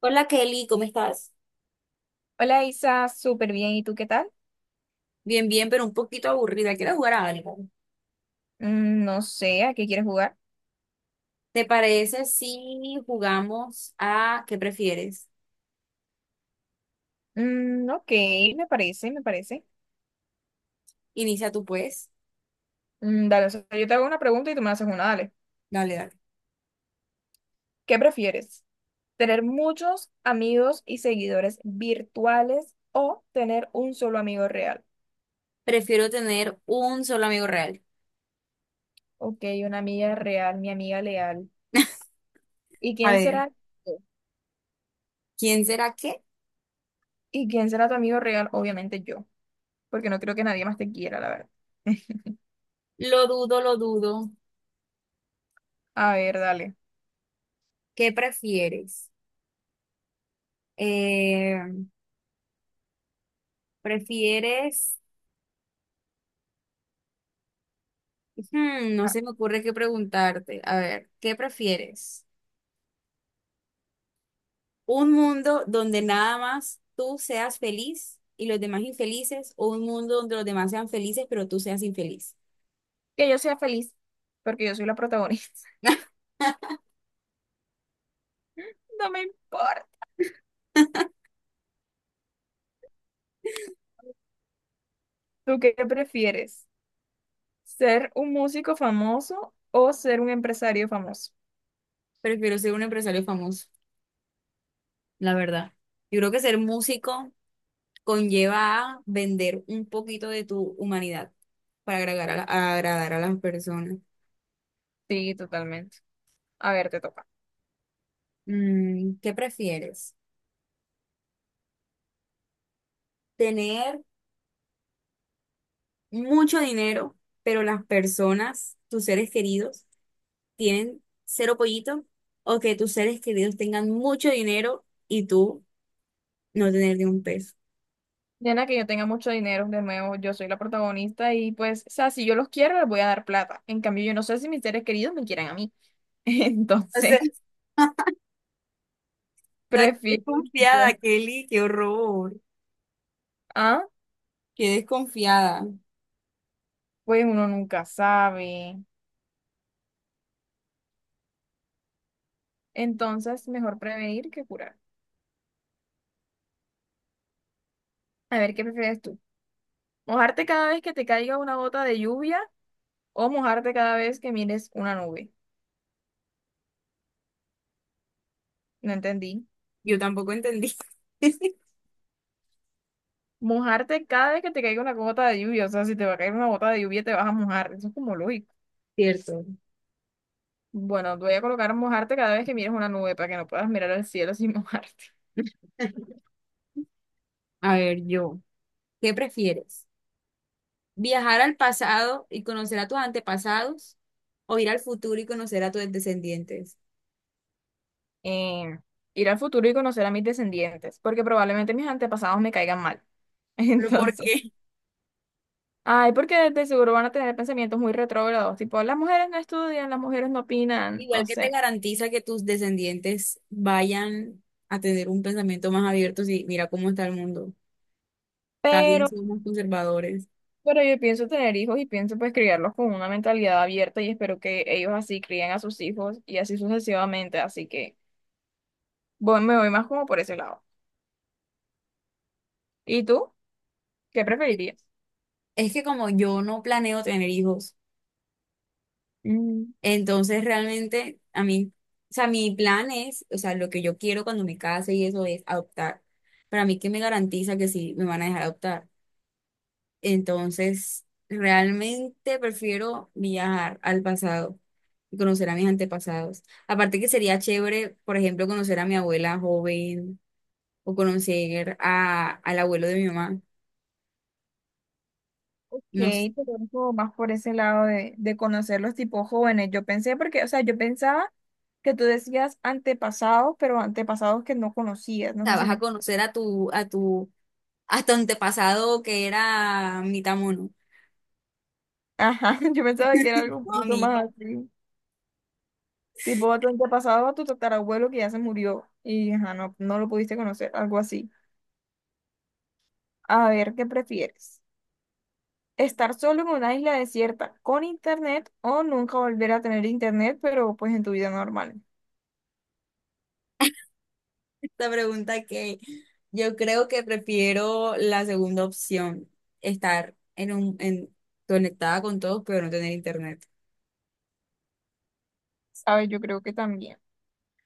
Hola Kelly, ¿cómo estás? Hola Isa, súper bien. ¿Y tú qué tal? Bien, bien, pero un poquito aburrida. Quiero jugar a algo. No sé, ¿a qué quieres jugar? ¿Te parece si jugamos a qué prefieres? Mm, ok, me parece. Inicia tú, pues. Mm, dale, o sea, yo te hago una pregunta y tú me haces una, dale. Dale, dale. ¿Qué prefieres? ¿Tener muchos amigos y seguidores virtuales o tener un solo amigo real? Prefiero tener un solo amigo real. Ok, una amiga real, mi amiga leal. ¿Y A quién ver, será? ¿quién será qué? ¿Y quién será tu amigo real? Obviamente yo, porque no creo que nadie más te quiera, la verdad. Lo dudo, lo dudo. A ver, dale. ¿Qué prefieres? Eh, ¿Prefieres? Hmm, no Ah, se me ocurre qué preguntarte. A ver, ¿qué prefieres? Un mundo donde nada más tú seas feliz y los demás infelices, o un mundo donde los demás sean felices, pero tú seas infeliz. que yo sea feliz, porque yo soy la protagonista. No me importa. ¿Tú qué prefieres? ¿Ser un músico famoso o ser un empresario famoso? Prefiero ser un empresario famoso, la verdad. Yo creo que ser músico conlleva a vender un poquito de tu humanidad para agradar a agradar a las personas. Sí, totalmente. A ver, te toca. Mm, ¿qué prefieres? ¿Tener mucho dinero, pero las personas, tus seres queridos, tienen cero pollito o que tus seres queridos tengan mucho dinero y tú no tener ni un peso? Diana, que yo tenga mucho dinero, de nuevo, yo soy la protagonista y pues, o sea, si yo los quiero, les voy a dar plata. En cambio, yo no sé si mis seres queridos me quieran a mí. O sea, Entonces, está prefiero yo. desconfiada, Kelly, qué horror. Ah, Qué desconfiada. pues uno nunca sabe. Entonces, mejor prevenir que curar. A ver, ¿qué prefieres tú? ¿Mojarte cada vez que te caiga una gota de lluvia o mojarte cada vez que mires una nube? No entendí. Yo tampoco entendí. Mojarte cada vez que te caiga una gota de lluvia. O sea, si te va a caer una gota de lluvia, te vas a mojar. Eso es como lógico. Cierto. Bueno, te voy a colocar mojarte cada vez que mires una nube para que no puedas mirar al cielo sin mojarte. A ver, yo, ¿qué prefieres? ¿Viajar al pasado y conocer a tus antepasados o ir al futuro y conocer a tus descendientes? Eh, Ir al futuro y conocer a mis descendientes, porque probablemente mis antepasados me caigan mal. ¿Pero por Entonces, qué? ay, porque de seguro van a tener pensamientos muy retrógrados, tipo, las mujeres no estudian, las mujeres no opinan, Igual, o que te sea. garantiza que tus descendientes vayan a tener un pensamiento más abierto si mira cómo está el mundo? Cada día Pero somos conservadores. Pero yo pienso tener hijos y pienso pues criarlos con una mentalidad abierta y espero que ellos así críen a sus hijos y así sucesivamente. Así que me voy más como por ese lado. ¿Y tú? ¿Qué preferirías? Es que como yo no planeo tener hijos, Mm, entonces realmente a mí, o sea, mi plan es, o sea, lo que yo quiero cuando me case y eso es adoptar. Para mí, ¿qué me garantiza que sí me van a dejar adoptar? Entonces, realmente prefiero viajar al pasado y conocer a mis antepasados. Aparte que sería chévere, por ejemplo, conocer a mi abuela joven o conocer al abuelo de mi mamá. ok, No sé, o te voy como más por ese lado de conocer los tipos jóvenes. Yo pensé porque, o sea, yo pensaba que tú decías antepasados, pero antepasados que no conocías. No sea, sé si vas a me... conocer a tu antepasado que era mitad mono. Ajá, yo pensaba que era algo un No, poquito mira, más así. Tipo, a tu antepasado, a tu tatarabuelo que ya se murió y ajá, no, no lo pudiste conocer, algo así. A ver, ¿qué prefieres? ¿Estar solo en una isla desierta con internet o nunca volver a tener internet, pero pues en tu vida normal? esta pregunta que yo creo que prefiero la segunda opción, estar en conectada con todos, pero no tener internet. ¿Sabes? Yo creo que también.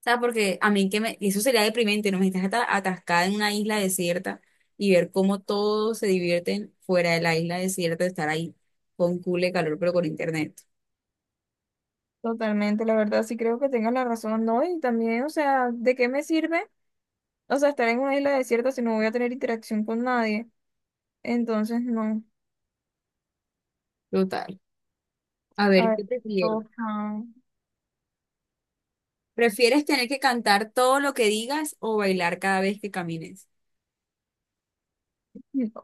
Sea, porque a mí que me, y eso sería deprimente, ¿no? Me estás atascada en una isla desierta y ver cómo todos se divierten fuera de la isla desierta, estar ahí con cool de calor, pero con internet. Totalmente, la verdad sí creo que tengas la razón, ¿no? Y también, o sea, ¿de qué me sirve? O sea, estar en una isla desierta si no voy a tener interacción con nadie. Entonces, no. Total. A A ver, ver, ¿qué ¿qué prefieres? toca? ¿Prefieres tener que cantar todo lo que digas o bailar cada vez que camines?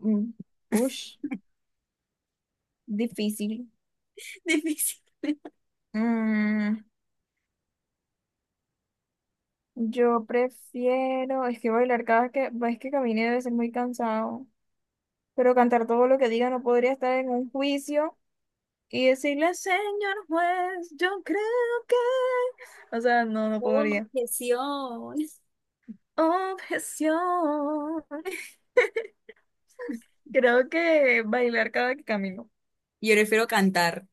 Mm, ush, difícil. Difícil. Mm, yo prefiero, es que bailar cada que, es que camine debe ser muy cansado. Pero cantar todo lo que diga no podría estar en un juicio y decirle, señor juez, yo creo que... O sea, no, no Oh, podría. objeción. Objeción. Creo que bailar cada que camino. Yo prefiero cantar.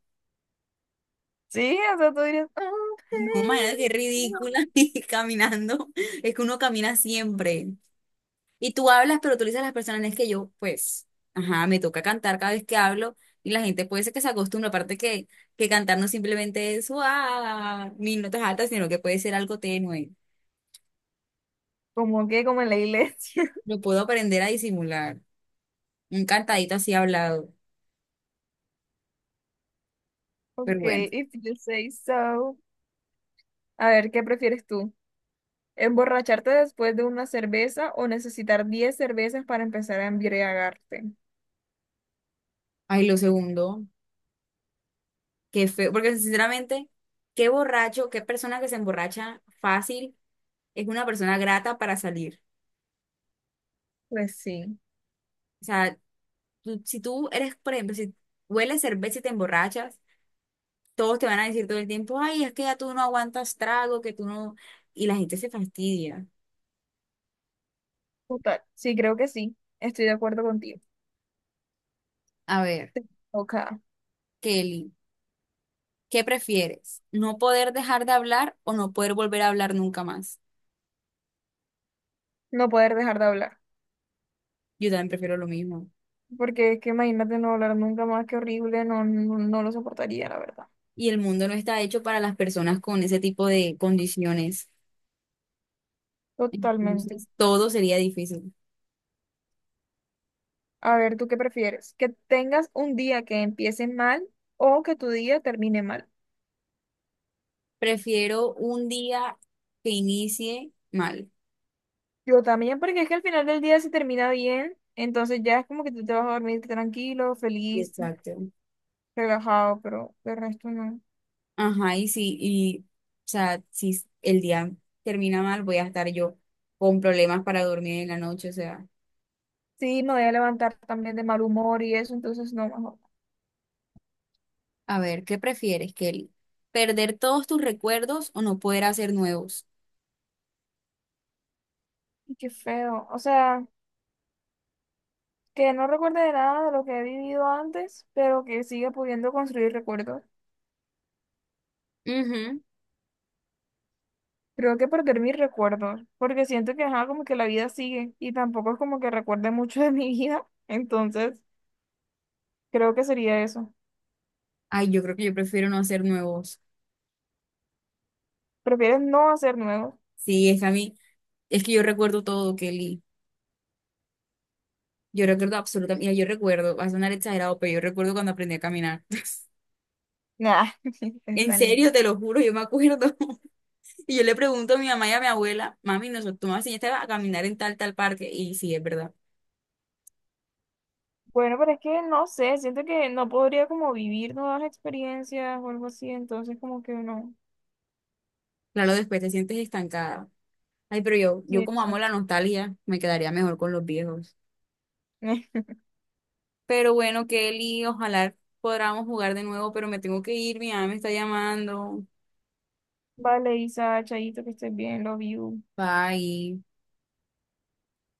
Sí, o sea, tú dirías, No, imagínate qué objeción. ridícula y caminando. Es que uno camina siempre. Y tú hablas, pero tú le dices a las personas, es que yo, pues, ajá, me toca cantar cada vez que hablo y la gente puede ser que se acostumbre, aparte que cantar no simplemente es, ah, mis notas altas, sino que puede ser algo tenue. Como que, como en la iglesia. Lo puedo aprender a disimular, un cantadito así hablado, pero Ok, bueno. if you say so. A ver, ¿qué prefieres tú? ¿Emborracharte después de una cerveza o necesitar 10 cervezas para empezar a embriagarte? Ay, lo segundo, qué feo, porque sinceramente, qué borracho, qué persona que se emborracha fácil es una persona grata para salir. Pues sí. O sea, si tú eres, por ejemplo, si hueles cerveza y te emborrachas, todos te van a decir todo el tiempo, ay, es que ya tú no aguantas trago, que tú no... Y la gente se fastidia. Total, sí, creo que sí. Estoy de acuerdo contigo. A ver, Ok. Kelly, ¿qué prefieres? ¿No poder dejar de hablar o no poder volver a hablar nunca más? No poder dejar de hablar. Yo también prefiero lo mismo. Porque es que imagínate no hablar nunca más, qué horrible, no, no, no lo soportaría, la verdad. Y el mundo no está hecho para las personas con ese tipo de condiciones. Totalmente. Entonces, todo sería difícil. A ver, ¿tú qué prefieres? ¿Que tengas un día que empiece mal o que tu día termine mal? Prefiero un día que inicie mal. Yo también, porque es que al final del día se termina bien, entonces ya es como que tú te vas a dormir tranquilo, feliz, Exacto. relajado, pero de resto no. Ajá, y sí, y, o sea, si s- el día termina mal, voy a estar yo con problemas para dormir en la noche, o sea, Sí, me voy a levantar también de mal humor y eso, entonces no, mejor. a ver, ¿qué prefieres, Kelly? ¿Perder todos tus recuerdos o no poder hacer nuevos? Y qué feo. O sea, que no recuerde de nada de lo que he vivido antes, pero que siga pudiendo construir recuerdos. Ujú. Creo que perder mis recuerdos, porque siento que ajá, como que la vida sigue y tampoco es como que recuerde mucho de mi vida, entonces creo que sería eso. Ay, yo creo que yo prefiero no hacer nuevos. ¿Prefieres no hacer nuevos? Sí, es que a mí, es que yo recuerdo todo, Kelly. Yo recuerdo absolutamente, mira, yo recuerdo, va a sonar exagerado, pero yo recuerdo cuando aprendí a caminar. Nah, En está niña. serio, te lo juro, yo me acuerdo. Y yo le pregunto a mi mamá y a mi abuela, mami, nosotros, tú me enseñaste a caminar en tal, tal parque. Y sí, es verdad. Bueno, pero es que no sé, siento que no podría como vivir nuevas experiencias o algo así, entonces como que no. Claro, después te sientes estancada. Ay, pero Sí, yo como amo la exacto. nostalgia, me quedaría mejor con los viejos. Pero bueno, Kelly, ojalá podamos jugar de nuevo, pero me tengo que ir, mi mamá me está llamando. Vale, Isa, Chayito, que estés bien, love you. Bye.